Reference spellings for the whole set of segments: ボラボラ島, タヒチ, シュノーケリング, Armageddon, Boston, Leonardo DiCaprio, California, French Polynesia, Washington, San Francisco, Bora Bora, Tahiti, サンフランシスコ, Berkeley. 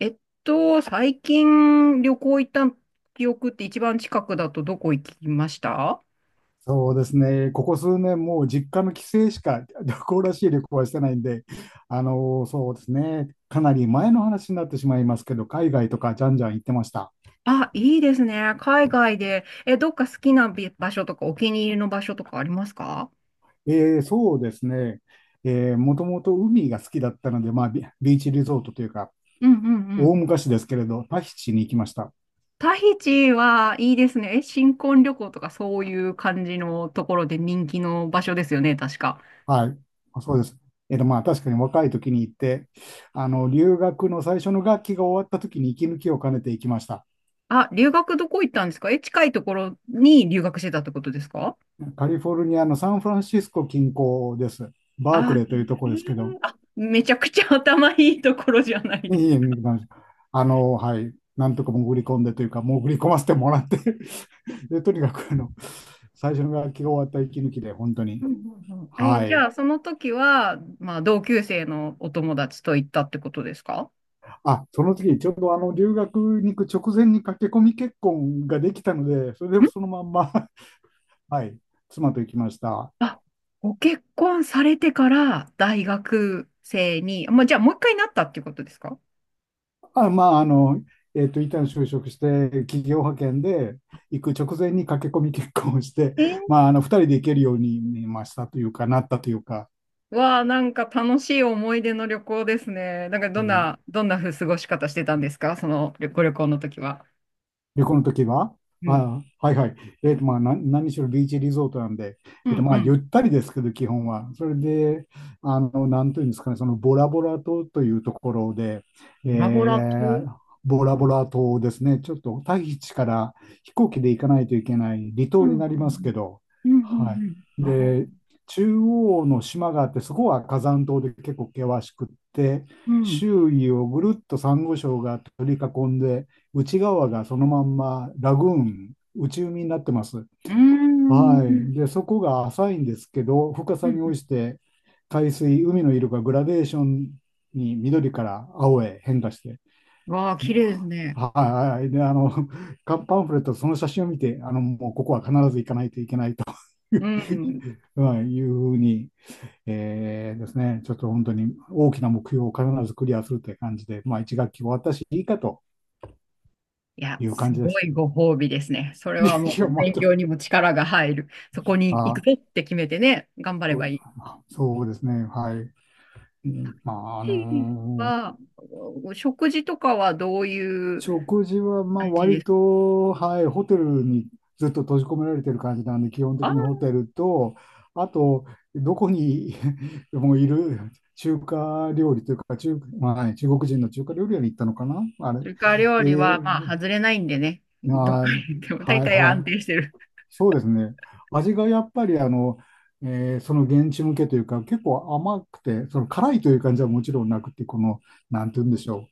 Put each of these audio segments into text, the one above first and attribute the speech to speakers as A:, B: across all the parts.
A: えっ最近旅行行った記憶って一番近くだとどこ行きました？
B: そうですね、ここ数年、もう実家の帰省しか旅行らしい旅行はしてないんで、そうですね、かなり前の話になってしまいますけど、海外とかじゃんじゃん行ってました。
A: あ、いいですね。海外で。え、どっか好きな場所とかお気に入りの場所とかありますか？
B: そうですね、もともと海が好きだったので、まあ、ビーチリゾートというか、
A: うんうんう
B: 大
A: ん。
B: 昔ですけれど、タヒチに行きました。
A: タヒチはいいですね。え、新婚旅行とかそういう感じのところで人気の場所ですよね、確か。
B: はい、まあそうです。まあ、確かに若い時に行って、あの留学の最初の学期が終わった時に息抜きを兼ねて行きました。
A: あ、留学どこ行ったんですか？え、近いところに留学してたってことですか？
B: カリフォルニアのサンフランシスコ近郊です。バー
A: あ、
B: クレーというとこ
A: へえ、
B: ろですけど、
A: めちゃくちゃ頭いいところじゃない
B: い
A: で
B: えいえ
A: す？
B: 見てましたはい、なんとか潜り込んでというか、潜り込ませてもらって で、とにかく最初の学期が終わった息抜きで、本当に、
A: うんうんうん。え、
B: は
A: じ
B: い。
A: ゃあ、その時は、まあ、同級生のお友達と行ったってことですか？
B: あ、その時、ちょうど留学に行く直前に駆け込み結婚ができたので、それで
A: ん。
B: そのまんま はい、妻と行きました。
A: あ、ご結婚されてから大学生に、まあ、じゃあ、もう一回なったっていうことですか？
B: あ、まあ、一旦就職して、企業派遣で行く直前に駆け込み結婚をして、
A: えー。
B: まあ、二人で行けるようになりましたというか、なったというか、
A: わあ、なんか楽しい思い出の旅行ですね。なんか、
B: う
A: どん
B: ん。
A: な、どんなふう過ごし方してたんですかそのご旅行の時は？
B: 旅行の時は、
A: うん。
B: あ、はいはい。まあ、何しろビーチリゾートなんで、
A: うん
B: ま
A: う
B: あ、ゆ
A: ん。
B: ったりですけど、基本は。それで、なんというんですかね、そのボラボラ島というところで、え
A: ボラボラ
B: ー
A: 島？
B: ボラボラ島ですね、ちょっとタヒチから飛行機で行かないといけない離
A: う
B: 島
A: んう
B: に
A: ん
B: なりますけど、
A: うんうん
B: は
A: うんう
B: い。
A: ん。あ、
B: で、中央の島があって、そこは火山島で結構険しくって、
A: うん。
B: 周囲をぐるっとサンゴ礁が取り囲んで、内側がそのまんまラグーン、内海になってます。
A: うーん。う
B: は
A: ん
B: い。で、そこが浅いんですけど、深
A: う
B: さに応
A: ん。
B: じて海水、海の色がグラデーションに緑から青へ変化して、
A: わあ、綺
B: も
A: 麗ですね。
B: うはい。で、カンパンフレット、その写真を見て、もうここは必ず行かないといけないとい
A: う
B: う
A: ん。
B: はい、いうふうに、ですね、ちょっと本当に大きな目標を必ずクリアするという感じで、まあ、1学期終わったし、いいかと
A: いや、
B: いう
A: す
B: 感じで
A: ご
B: す。
A: いご褒美ですね。それ はも
B: い
A: う
B: や、ま
A: 勉
B: た
A: 強に も力が入る。そこに行く
B: あ、
A: ぞって決めてね、頑張れ
B: そ
A: ば
B: う
A: い
B: そうですね。はい。うん、まあ、
A: い。は、お食事とかはどういう
B: 食事は、まあ、
A: 感じで
B: 割
A: す
B: と、はい、ホテルにずっと閉じ込められてる感じなんで、基本的
A: か？
B: にホテルと、あと、どこに もういる中華料理というか、まあ、中国人の中華料理屋に行ったのかなあれ。
A: それから料
B: え
A: 理は、まあ、
B: ー、
A: 外れないんでね。どこ
B: あー、
A: に行っても大
B: はい、
A: 体
B: は
A: 安
B: い。
A: 定してる。
B: そうですね。味がやっぱりその現地向けというか、結構甘くて、その辛いという感じはもちろんなくて、なんて言うんでしょう。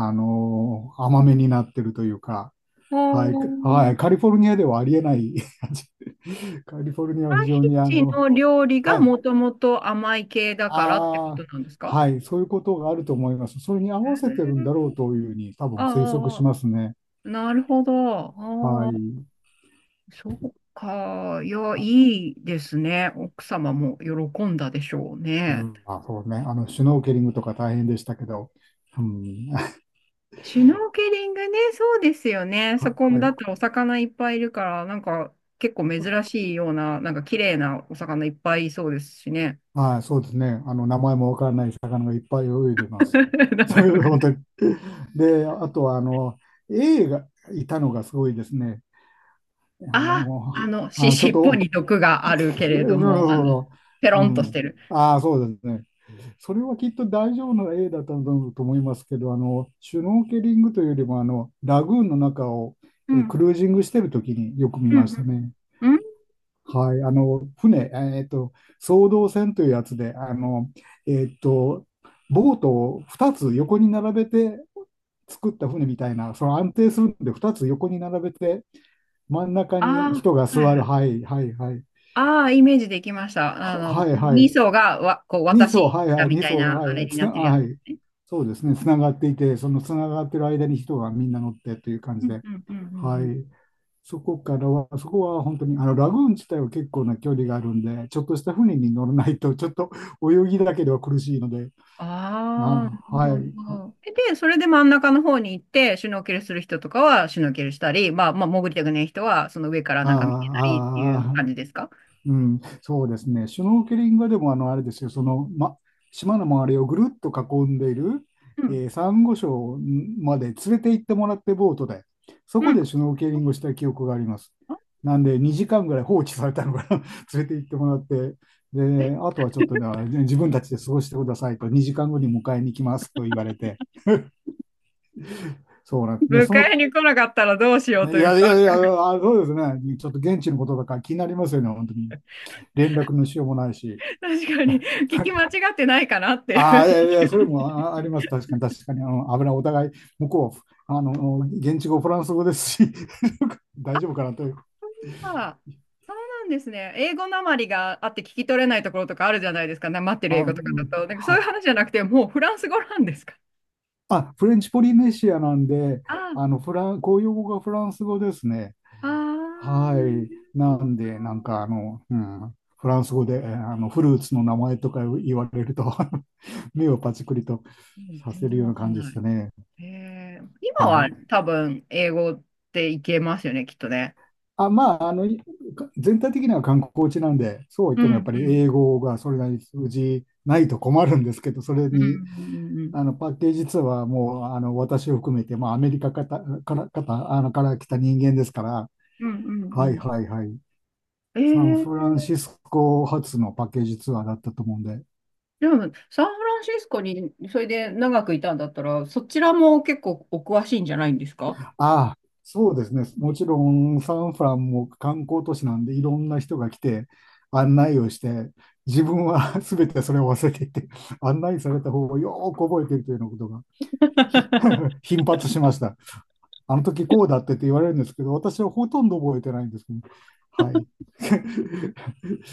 B: 甘めになってるというか、
A: お
B: はい、は
A: ー、
B: い、カリフォルニアではありえない 味。カリフォルニアは非
A: タヒ
B: 常に
A: チの料理が
B: はい、
A: もともと甘い系だからってこと
B: ああ、
A: なんですか？
B: はい、そういうことがあると思います。それに合
A: へ
B: わせてるんだろう
A: ー。
B: というふうに多
A: あ
B: 分推測
A: あ、あ
B: し
A: あ、
B: ますね。
A: なるほど。
B: は
A: ああ、
B: い。
A: そうか。いや、
B: あ、
A: いいですね。奥様も喜んだでしょう
B: う
A: ね。
B: ん。あ、そうね。シュノーケリングとか大変でしたけど、うん、
A: シュノーケリングね、そうですよね。そこ
B: は
A: だ
B: い。
A: ってお魚いっぱいいるから、なんか結構珍しいような、なんか綺麗なお魚いっぱいいそうですしね。
B: はい、そうですね。名前もわからない魚がいっぱい泳いでます。
A: 名前
B: そ
A: わかん
B: れ、本
A: な
B: 当
A: い。
B: に。で、あとは、エイがいたのがすごいですね。
A: あ、
B: ちょっ
A: 尻尾
B: と、
A: に毒があるけれど
B: なる
A: も、
B: ほど。
A: ペロ
B: う
A: ンとし
B: ん。
A: てる。
B: ああ、そうですね。それはきっと大丈夫な A だったと思いますけど、シュノーケリングというよりも、ラグーンの中を
A: うん、
B: クルージングしてる時によく見
A: うん、
B: ました
A: う
B: ね。
A: ん。うん、
B: はい、船、えっと、双胴船というやつで、えっと、ボートを2つ横に並べて作った船みたいな、安定するんで2つ横に並べて、真ん中
A: ああ
B: に人が
A: ー、は
B: 座
A: い
B: る、
A: はい。
B: はい、はい、はい、
A: ああ、イメージできました。
B: はい、は
A: 二
B: い、
A: 層がわ、こう、
B: 2層、
A: 私
B: はい、は
A: だ
B: い、
A: み
B: 2
A: たい
B: 層、
A: な、
B: は
A: あれ
B: い、
A: になってるやつ
B: はい、
A: ね。
B: そうですね、つながっていて、そのつながってる間に人がみんな乗ってという感
A: う
B: じ
A: ん
B: で、
A: うんうんうんう
B: は
A: ん。
B: い。そこからは、そこは本当に、ラグーン自体は結構な距離があるんで、ちょっとした船に乗らないと、ちょっと泳ぎだけでは苦しいので、あ、
A: ああ、な
B: は
A: る
B: い、
A: ほど。で、それで真ん中の方に行って、シュノーケルする人とかはシュノーケルしたり、まあ、潜りたくない人は、その上から
B: あ
A: なんか見てたりってい
B: あ、
A: う
B: ああ、
A: 感じですか？
B: うん、そうですね。シュノーケリングはでも、あれですよ、島の周りをぐるっと囲んでいる、
A: うん。
B: サンゴ礁まで連れて行ってもらってボートで、そこ
A: うん。
B: でシュノーケリングをした記憶があります。なんで、2時間ぐらい放置されたのかな、連れて行ってもらって、で、あとはちょっとね、じゃあ自分たちで過ごしてくださいと、2時間後に迎えに来ますと言われて、そうなんで、
A: 迎
B: その、
A: えに来なかったらどうしようと
B: い
A: いう
B: やい
A: か、
B: やいや、あ、そうですね、ちょっと現地のことだから気になりますよね、本当に。連絡のしようもないし。
A: 確かに、聞き間違ってないかなってい
B: あ
A: う。
B: あ、いやいや、それもああります。確かに、確かに。危ない。お互い、向こう、現地語、フランス語ですし、大丈夫かなという。
A: あー、そうなんですね。英語なまりがあって聞き取れないところとかあるじゃないですか。なまってる
B: あ、
A: 英
B: う
A: 語とかだ
B: ん
A: と。なんかそういう
B: は、
A: 話じゃなくて、もうフランス語なんですか。
B: あ、フレンチポリネシアなんで、
A: あ
B: あの、フラン、公用語がフランス語ですね。
A: あ、あー、
B: はい。
A: なる
B: な
A: ほ
B: んで、なん
A: ど。
B: か、うん、フランス語で、フルーツの名前とか言われると 目をパチクリと
A: うん、
B: さ
A: 全
B: せる
A: 然
B: よう
A: わ
B: な
A: かん
B: 感じで
A: な
B: し
A: い。
B: たね。
A: へえ、今
B: は
A: は
B: い。
A: 多分英語っていけますよね、きっとね。
B: あ、まあ、全体的には観光地なんで、そうは言
A: う
B: ってもやっ
A: ん
B: ぱり
A: うん
B: 英語がそれなりに通じないと困るんですけど、それ
A: う
B: に、
A: んうん
B: パッケージツアーはもう、私を含めて、まあ、アメリカかたから、かた、から来た人間ですから、
A: うんうんう
B: は
A: んう
B: い、
A: ん。
B: はい、はい。
A: え
B: サンフ
A: ー、
B: ランシスコ発のパッケージツアーだったと思うんで、
A: でもサンフランシスコにそれで長くいたんだったら、そちらも結構お詳しいんじゃないんですか？
B: ああ、そうですね。もちろんサンフランも観光都市なんでいろんな人が来て案内をして、自分は 全てそれを忘れていて、案内された方をよーく覚えているというようなことがひ 頻発しました。あの時こうだってって言われるんですけど、私はほとんど覚えてないんですけどね、はい。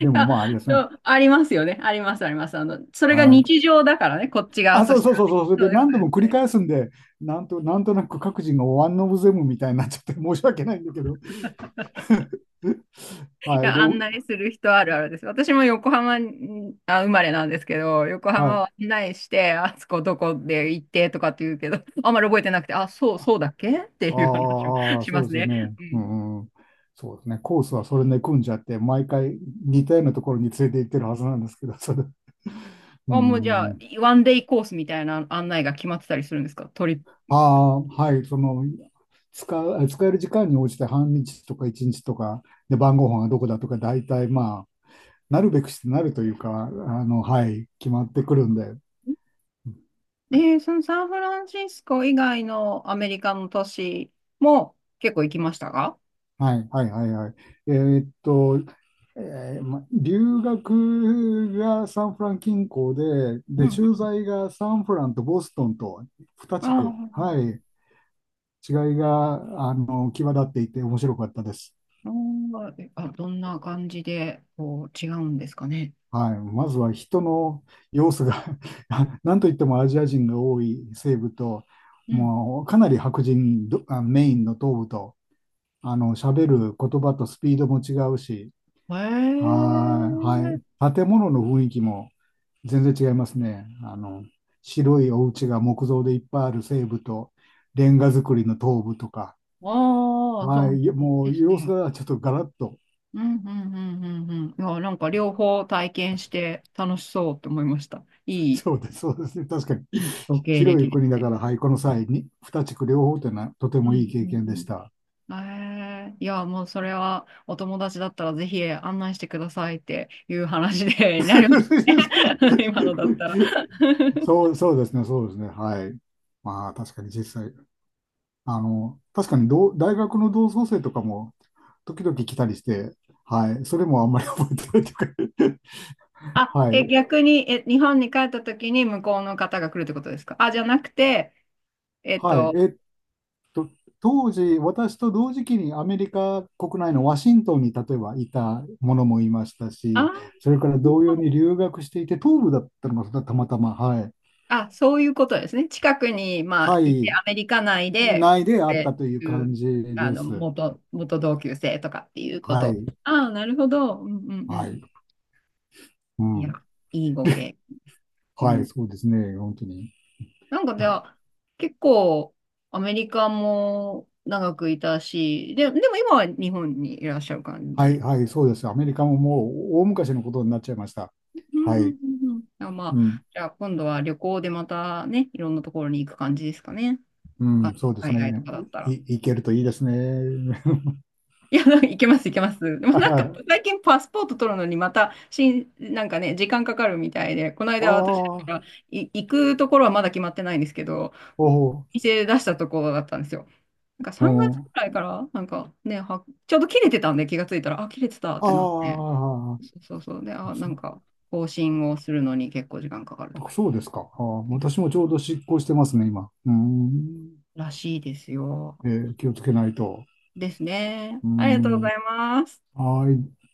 B: でも、
A: あ、
B: まああれです
A: そ
B: ね。
A: うありますよね。あります、あります。それが
B: はい。
A: 日常だからね、こっち側
B: あ、
A: と
B: そう
A: して
B: そう
A: は
B: そう
A: ね。
B: そう。それ
A: そ
B: で
A: ういうこ
B: 何
A: と
B: 度
A: で
B: も繰
A: す
B: り
A: ね。
B: 返すんで、なんとなく各人がワンオブゼムみたいになっちゃって申し訳ないんだけど。
A: い
B: はい。
A: や、案内する人あるあるです。私も横浜に、あ、生まれなんですけど、横
B: は
A: 浜を
B: い。
A: 案内して、あそこどこで行ってとかって言うけど、あんまり覚えてなくて、あ、
B: あ
A: そうだっけっていう話を
B: あ、
A: しま
B: そう
A: す
B: ですよ
A: ね。
B: ね。
A: う
B: う
A: ん。
B: ん、うん。そうですね。コースはそれで組んじゃって、毎回似たようなところに連れて行ってるはずなんですけど、それ。う
A: あ、もうじゃあ、
B: ん。
A: ワンデイコースみたいな案内が決まってたりするんですかトリップ？
B: ああ、はい。使える時間に応じて半日とか1日とか、で、晩ご飯がどこだとか、大体まあ、なるべくしてなるというか、はい、決まってくるんで、
A: そのサンフランシスコ以外のアメリカの都市も結構行きましたか？
B: はい、はい、はい、はい。えーっと、留学がサンフラン近郊で、
A: うん
B: で、
A: う
B: 駐
A: ん。
B: 在がサンフランとボストンと2
A: あ
B: 地区、は
A: あ、
B: い、違いが、際立っていて面白かったです。
A: あー、あ、どんな感じで、こう、違うんですかね？
B: はい、まずは人の様子が なんといってもアジア人が多い西部と、
A: うん。
B: もうかなり白人どあメインの東部と、喋る言葉とスピードも違うし、
A: へ
B: はい、は
A: え。
B: い。建物の雰囲気も全然違いますね。白いお家が木造でいっぱいある西部と、レンガ造りの東部とか、
A: ああ、そ
B: は
A: う
B: い、も
A: で
B: う
A: す
B: 様子
A: ね。
B: がちょっとガラッと、
A: うんうんうんうんうん。いや、なんか両方体験して楽しそうって思いました。いい、
B: そうです、そうですね、確かに。
A: いいご経
B: 広い
A: 歴です
B: 国だ
A: ね。
B: から、はい、この際に、二地区両方というのはとて
A: う
B: もいい
A: んう
B: 経験でし
A: ん
B: た。
A: うん。ええ、いや、もうそれはお友達だったらぜひ案内してくださいっていう話で なり ますね。今のだったら。
B: そう、そうですね、そうですね、はい。まあ、確かに実際、確かに同大学の同窓生とかも、時々来たりして、はい、それもあんまり覚えてないというか
A: あ、
B: はい、
A: え、逆に、え、日本に帰った時に向こうの方が来るってことですか？あ、じゃなくて、えっ
B: はい。
A: と、
B: 当時、私と同時期にアメリカ国内のワシントンに例えばいたものもいました
A: あー、
B: し、
A: なる
B: それから同
A: ほ
B: 様
A: ど。
B: に留学していて、東部だったのがたまたま、はい。
A: あ、そういうことですね。近くに、ま
B: は
A: あ、いて、
B: い。
A: アメリカ内で
B: 内
A: 来
B: であっ
A: て
B: たという
A: くれる、う
B: 感
A: ん、
B: じ
A: あ
B: で
A: の、
B: す。
A: 元同級生とかっていうこ
B: は
A: と。
B: い。
A: ああ、なるほど。うんうんう
B: は
A: ん。
B: い。う
A: いや、
B: ん。
A: いいご経験です。う
B: はい。
A: ん。
B: そうですね。本当に。
A: なんかじ
B: なん
A: ゃ
B: か、
A: あ、結構、アメリカも長くいたし、でも今は日本にいらっしゃる感
B: はい。
A: じ。
B: はい。そうです。アメリカももう大昔のことになっちゃいました。
A: うん
B: は
A: う
B: い。
A: んうんうん。あ、まあ、
B: うん。
A: じゃあ今度は旅行でまたね、いろんなところに行く感じですかね。
B: う
A: 他の
B: ん。そうです
A: 海外と
B: ね。
A: かだったら。
B: いけるといいですね。
A: いや、なんか行けます、行けます。でもなんか
B: あ
A: 最近パスポート取るのにまたなんかね、時間かかるみたいで、この間私だか
B: あ、
A: ら行くところはまだ決まってないんですけど、
B: おお。
A: 店出したところだったんですよ。なんか
B: う
A: 3月く
B: ん、
A: らいから、なんかね、ちょうど切れてたんで気がついたら、あ、切れてたってなって。
B: あ
A: そうそうそう。で、
B: あ、
A: あ、な
B: そう、
A: んか更新をするのに結構時間かかるとか言
B: そうですか。あー、
A: って。
B: 私もちょうど執行してますね、今。うーん。
A: らしいですよ。
B: えー、気をつけないと。
A: ですね。
B: うー
A: ありがとうご
B: ん。
A: ざいます。
B: はい。